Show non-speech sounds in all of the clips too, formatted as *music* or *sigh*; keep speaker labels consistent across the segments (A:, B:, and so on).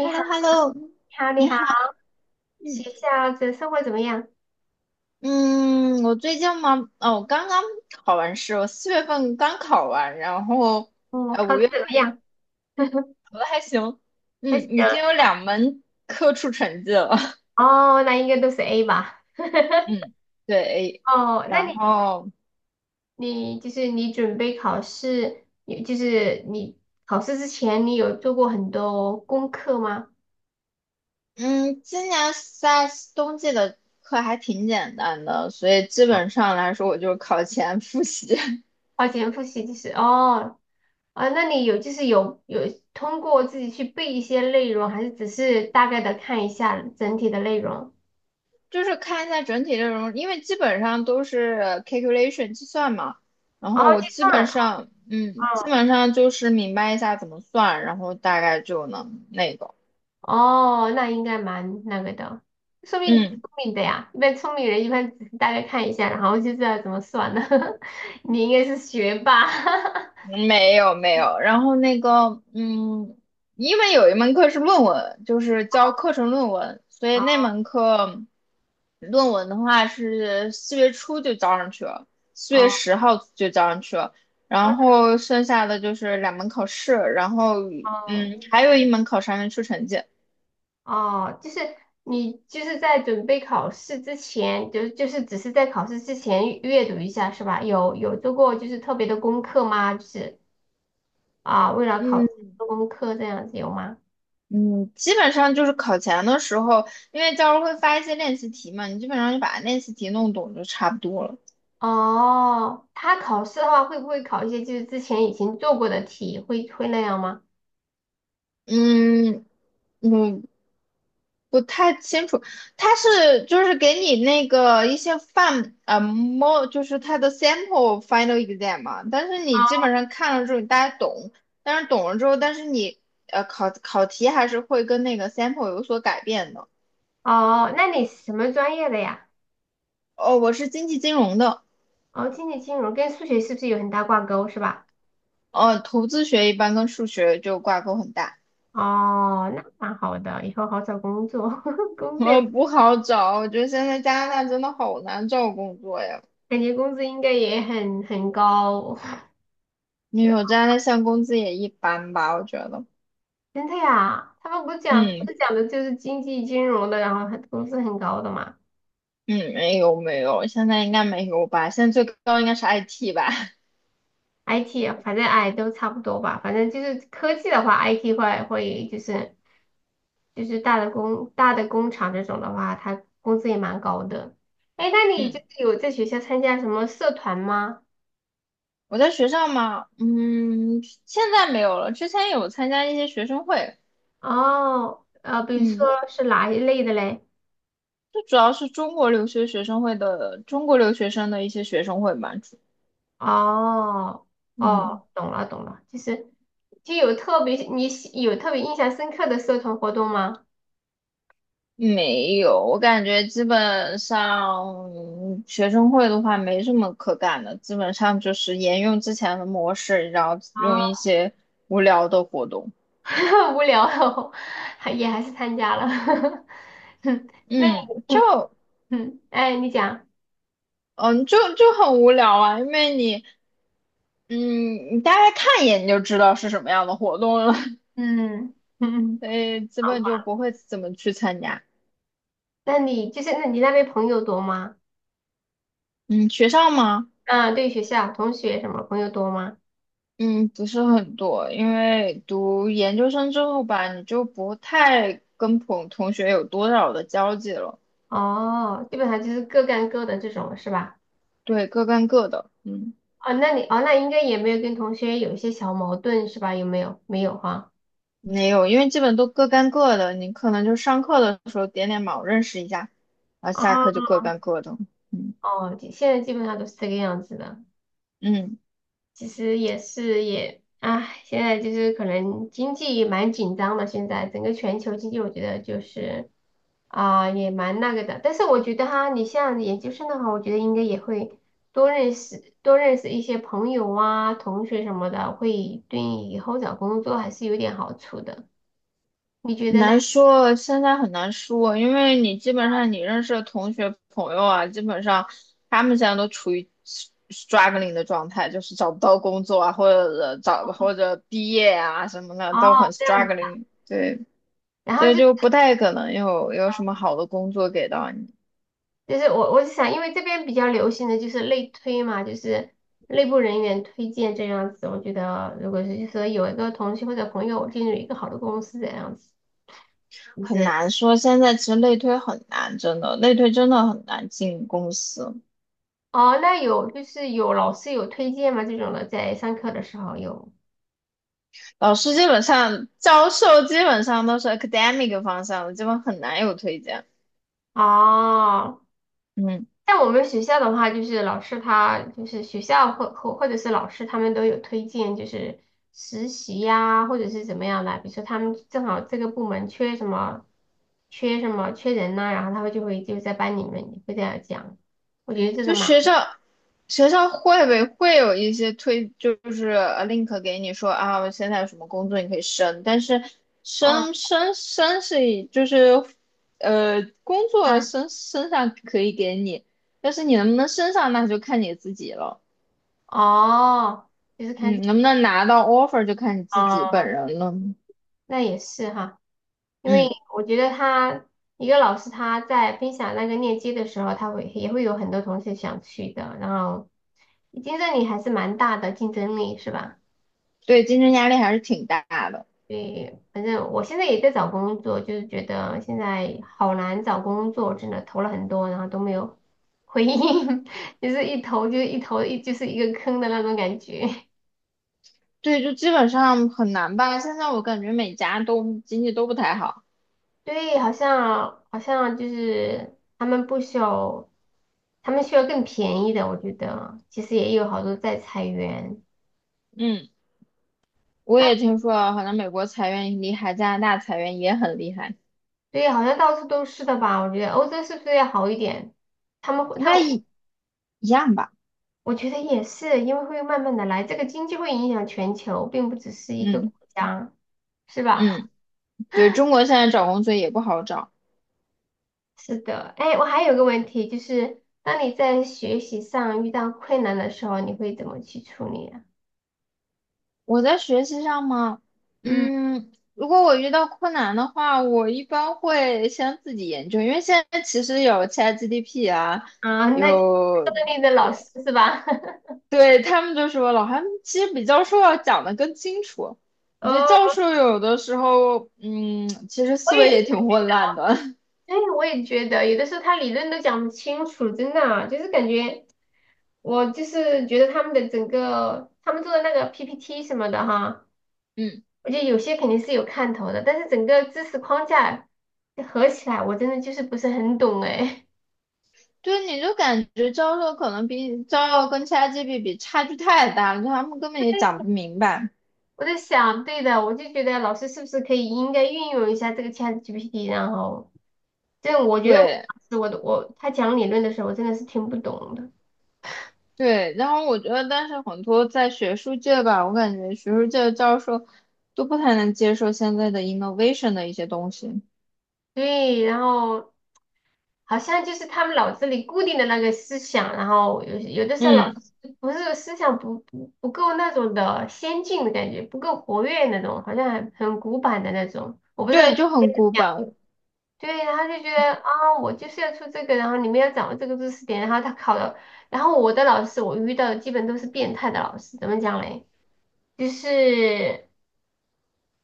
A: h e l
B: 好，
A: l o h e l l o
B: 你好，
A: 你
B: 你好，
A: 好。嗯，
B: 学校的生活怎么样？
A: 嗯，我最近嘛，哦，我刚刚考完试，我4月份刚考完，然后
B: 考
A: 五
B: 的
A: 月
B: 怎么
A: 份就
B: 样？*laughs*
A: 考的还行。
B: 还行
A: 嗯，已经有
B: 啊。
A: 两门科出成绩了。*laughs*
B: 哦，那应该都是 A 吧。*laughs*
A: 嗯，对，
B: 哦，那
A: 然
B: 你
A: 后
B: 你准备考试，你就是你考试之前，你有做过很多功课吗？
A: 嗯，今年在冬季的课还挺简单的，所以基本上来说，我就考前复习。*laughs*
B: 花钱复习就是哦。啊，那你有就是有有通过自己去背一些内容，还是只是大概的看一下整体的内容？
A: 就是看一下整体内容，因为基本上都是calculation 计算嘛，然
B: 哦，
A: 后我
B: 计
A: 基
B: 算了。
A: 本上，嗯，基
B: 哦。
A: 本上就是明白一下怎么算，然后大概就能那个，
B: 哦，那应该蛮那个的，说明你挺
A: 嗯。
B: 聪明的呀。一般聪明人一般只是大概看一下，然后就知道怎么算了。*laughs* 你应该是学霸。*laughs*
A: 没有没有，然后那个，因为有一门课是论文，就是教课程论文，所以那
B: 哦
A: 门课论文的话是4月初就交上去了，四月
B: 哦
A: 十号就交上去了，然后剩下的就是两门考试，然后
B: 哦
A: 还有一门考试还没出成绩。
B: 哦，就是你就是在准备考试之前，就是只是在考试之前阅读一下是吧？有做过就是特别的功课吗？就是啊，为了考试
A: 嗯
B: 做功课这样子有吗？
A: 嗯，基本上就是考前的时候，因为教授会发一些练习题嘛，你基本上就把练习题弄懂就差不多了。
B: 哦，他考试的话会不会考一些就是之前已经做过的题，会那样吗？
A: 嗯，嗯，不太清楚，他是就是给你那个一些就是他的 sample final exam 嘛，但是你基本上看了之后你大家懂，但是懂了之后，但是你考题还是会跟那个 sample 有所改变的。
B: 哦，那你是什么专业的呀？
A: 哦，我是经济金融的，
B: 哦，经济金融跟数学是不是有很大挂钩，是吧？
A: 投资学一般跟数学就挂钩很大，
B: 哦，那蛮好的，以后好找工作。*laughs* 工作也
A: 不好找，我觉得现在加拿大真的好难找工作呀，
B: 感觉工资应该也很高。*laughs* 对
A: 因为
B: 啊。
A: 我加拿大现在工资也一般吧，我觉得，
B: 真的呀，他们不
A: 嗯。
B: 是讲的就是经济金融的，然后很工资很高的嘛。
A: 嗯，没有没有，现在应该没有吧？现在最高应该是 IT 吧？
B: IT 啊反正哎都差不多吧，反正就是科技的话，IT 会就是大的大的工厂这种的话，它工资也蛮高的。哎，那
A: *laughs*
B: 你就
A: 嗯，
B: 是有在学校参加什么社团吗？
A: 我在学校嘛，现在没有了。之前有参加一些学生会，
B: 哦，呃，比如说
A: 嗯，
B: 是哪一类的嘞？
A: 就主要是中国留学学生会的中国留学生的一些学生会嘛。
B: 哦
A: 嗯，
B: 哦。懂了，就是就有特别你喜有特别印象深刻的社团活动吗？
A: 没有，我感觉基本上学生会的话没什么可干的，基本上就是沿用之前的模式，然后用一
B: 啊，
A: 些无聊的活动。
B: *laughs* 无聊了 *laughs* 还也还是参加了。*laughs* 那
A: 嗯，
B: 你？
A: 就
B: 嗯，哎，你讲。
A: 嗯，就就很无聊啊，因为你，嗯，你大概看一眼你就知道是什么样的活动了，
B: 嗯。
A: *laughs*
B: 嗯，
A: 所以基
B: 好
A: 本就
B: 吧。
A: 不会怎么去参加。
B: 那你就是那你那边朋友多吗？
A: 嗯，学校吗？
B: 啊，对学校同学什么朋友多吗？
A: 嗯，不是很多，因为读研究生之后吧，你就不太跟朋同学有多少的交际了，
B: 哦，基本上就是各干各的这种是吧？
A: 对，各干各的，
B: 哦，那你。哦，那应该也没有跟同学有一些小矛盾是吧？有没有？没有哈。
A: 没有，因为基本都各干各的，你可能就上课的时候点点卯认识一下，然后
B: 哦。
A: 下课就各干各的，嗯
B: 哦，现在基本上都是这个样子的。
A: 嗯。
B: 其实也是也，唉，现在就是可能经济也蛮紧张的，现在整个全球经济，我觉得就是啊、也蛮那个的。但是我觉得哈，你像研究生的话，我觉得应该也会多认识一些朋友啊、同学什么的，会对以后找工作还是有点好处的。你觉得嘞？
A: 难说，现在很难说，因为你基本上你认识的同学朋友啊，基本上他们现在都处于 struggling 的状态，就是找不到工作啊，或者毕业啊什么的
B: 哦，
A: 都很
B: 这样子。
A: struggling，对，
B: 然
A: 所
B: 后
A: 以
B: 就
A: 就不太可能有什么好的工作给到你，
B: 就是我是想，因为这边比较流行的就是内推嘛，就是内部人员推荐这样子。我觉得如果是就是说有一个同学或者朋友进入一个好的公司这样子，就
A: 很
B: 是
A: 难说。现在其实内推很难，真的，内推真的很难进公司。
B: 哦，那有就是有老师有推荐吗？这种的在上课的时候有。
A: 老师基本上，教授基本上都是 academic 方向的，基本很难有推荐。
B: 哦，
A: 嗯。
B: 像我们学校的话，就是老师他就是学校或者是老师他们都有推荐，就是实习呀、或者是怎么样的。比如说他们正好这个部门缺什么，缺人呐、然后他们就会就在班里面会这样讲。我觉得这个
A: 就
B: 嘛。
A: 学校会不会有一些推，就是link 给你说啊，我现在有什么工作你可以升，但是
B: 哦。
A: 升是以就是工作
B: 嗯。
A: 升上可以给你，但是你能不能升上那就看你自己了，
B: 哦，就是看
A: 嗯，
B: 这。
A: 能不能拿到 offer 就看你自己本
B: 哦，
A: 人了，
B: 那也是哈。因为
A: 嗯，
B: 我觉得他一个老师他在分享那个链接的时候，他会也会有很多同学想去的，然后竞争力还是蛮大的，竞争力是吧？
A: 对，竞争压力还是挺大的，
B: 对，反正我现在也在找工作，就是觉得现在好难找工作，真的投了很多，然后都没有回应。*laughs* 就是一投就一投一就是一个坑的那种感觉。
A: 对，就基本上很难吧，现在我感觉每家都经济都不太好，
B: 对，好像就是他们不需要，他们需要更便宜的，我觉得其实也有好多在裁员。
A: 嗯。我也听说，好像美国裁员很厉害，加拿大裁员也很厉害，
B: 对，好像到处都是的吧？我觉得欧洲是不是要好一点？他们会，
A: 应
B: 他
A: 该
B: 们
A: 一样吧？
B: 我觉得也是，因为会慢慢的来，这个经济会影响全球，并不只是一个
A: 嗯
B: 国家，是吧？
A: 嗯，对，中国现在找工作也不好找。
B: 是的，哎，我还有个问题，就是当你在学习上遇到困难的时候，你会怎么去处理啊？
A: 我在学习上吗？
B: 嗯。
A: 如果我遇到困难的话，我一般会先自己研究，因为现在其实有 c h a t g p 啊，
B: 啊，那这
A: 有，
B: 里的老师是吧？*laughs*
A: 对，他们就说老韩其实比教授要讲的更清楚。我觉得教
B: 哦，
A: 授有的时候，其实
B: 我
A: 思维
B: 也。
A: 也挺混乱的。*laughs*
B: 对，我也觉得有的时候他理论都讲不清楚，真的啊，就是感觉我就是觉得他们做的那个 PPT 什么的哈，
A: 嗯
B: 我觉得有些肯定是有看头的，但是整个知识框架合起来，我真的就是不是很懂哎。*laughs*
A: 对，你就感觉教授可能比教授跟其他 a t g p 比差距太大了，他们根本也讲不明白。
B: 我在想，对的，我就觉得老师是不是可以应该运用一下这个 ChatGPT,然后，这样我觉得我
A: 对
B: 当时我的我他讲理论的时候，我真的是听不懂的。
A: 对，然后我觉得，但是很多在学术界吧，我感觉学术界的教授都不太能接受现在的 innovation 的一些东西。
B: 对，然后好像就是他们脑子里固定的那个思想，然后有的时候老
A: 嗯，
B: 子不是思想不够那种的先进的感觉，不够活跃那种，好像很古板的那种。我不知道
A: 对，
B: 你。
A: 就很古板。
B: 对，然后就觉得啊、我就是要出这个，然后你们要掌握这个知识点，然后他考了，然后我的老师我遇到的基本都是变态的老师，怎么讲嘞？就是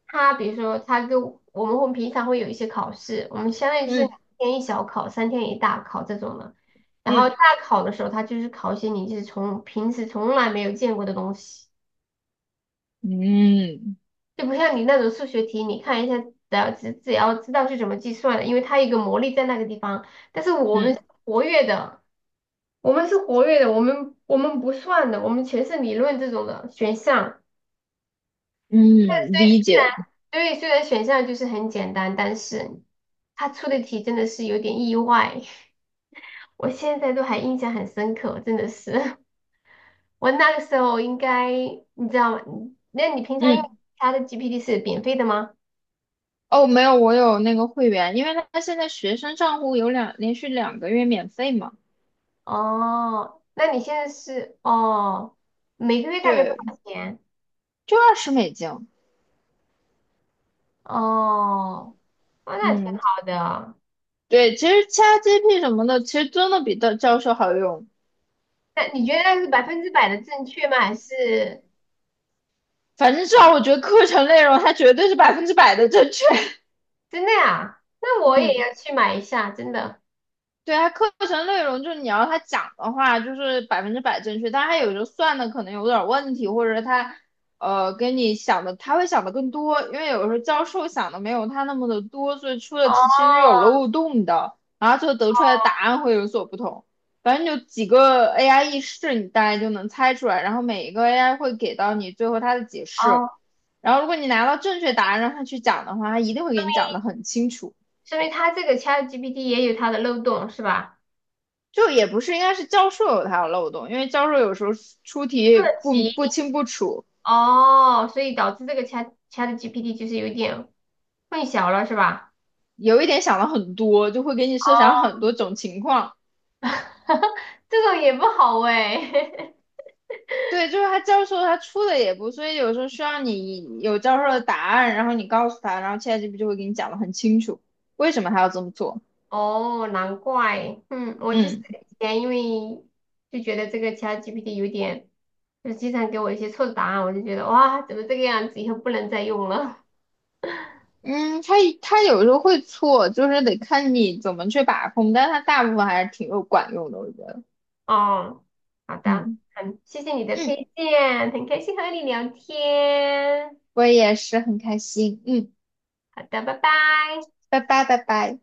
B: 他比如说他跟我我们会平常会有一些考试，我们相当于就是两
A: 嗯
B: 天一小考，三天一大考这种的。然后
A: 嗯
B: 大考的时候，他就是考一些你就是从平时从来没有见过的东西，
A: 嗯
B: 就不像你那种数学题，你看一下，只要知道是怎么计算的，因为它有一个魔力在那个地方。但是我们
A: 嗯
B: 是活跃的，我们不算的，我们全是理论这种的选项。对，
A: 嗯，
B: 所
A: 理
B: 以虽然
A: 解。
B: 对，所以虽然选项就是很简单，但是他出的题真的是有点意外。*laughs* 我现在都还印象很深刻，真的是。*laughs* 我那个时候应该，你知道吗？那你平常用
A: 嗯，
B: 他的 GPT 是免费的吗？
A: 哦，没有，我有那个会员，因为他现在学生账户有连续2个月免费嘛，
B: 哦，那你现在是哦，每个月大概多
A: 对，
B: 少钱？
A: 就20美金。
B: 哦。哦，那挺
A: 嗯，
B: 好的。
A: 对，其实 ChatGPT 什么的，其实真的比的教授好用。
B: 那你觉得那是百分之百的正确吗？还是
A: 反正至少我觉得课程内容它绝对是百分之百的正确。
B: 真的呀？那
A: *laughs*
B: 我也
A: 嗯。
B: 要去买一下，真的。
A: 对它课程内容就是你要他讲的话，就是百分之百正确，但它有时候算的可能有点问题，或者他，跟你想的他会想的更多，因为有时候教授想的没有他那么的多，所以出的题其实有
B: 哦。
A: 漏洞的，然后最后得出来的答案会有所不同。反正就几个 AI 意识，你大概就能猜出来，然后每一个 AI 会给到你最后它的解释，
B: 哦，
A: 然后如果你拿到正确答案让他去讲的话，他一定会给你讲的很清楚。
B: 说明它这个 ChatGPT 也有它的漏洞是吧？
A: 就也不是，应该是教授有他的漏洞，因为教授有时候出
B: 出
A: 题
B: 了
A: 不
B: 题。
A: 不清不楚，
B: 哦，所以导致这个 ChatGPT 就是有点混淆了是吧？
A: 有一点想了很多，就会给你设想很
B: 哦，
A: 多种情况。
B: *laughs* 这种也不好哎。
A: 对，就是他教授他出的也不，所以有时候需要你有教授的答案，然后你告诉他，然后现在这 t 就会给你讲的很清楚，为什么他要这么做。
B: *laughs* 哦，难怪。嗯，我就是
A: 嗯
B: 以前因为就觉得这个 ChatGPT 有点，就是经常给我一些错的答案，我就觉得哇，怎么这个样子，以后不能再用了。
A: 嗯，他他有时候会错，就是得看你怎么去把控，但是他大部分还是挺有管用的，我觉得。
B: 哦，好
A: 嗯
B: 的，很谢谢你的
A: 嗯，
B: 推荐，很开心和你聊天。
A: 我也是很开心。嗯，
B: 好的，拜拜。
A: 拜拜拜拜。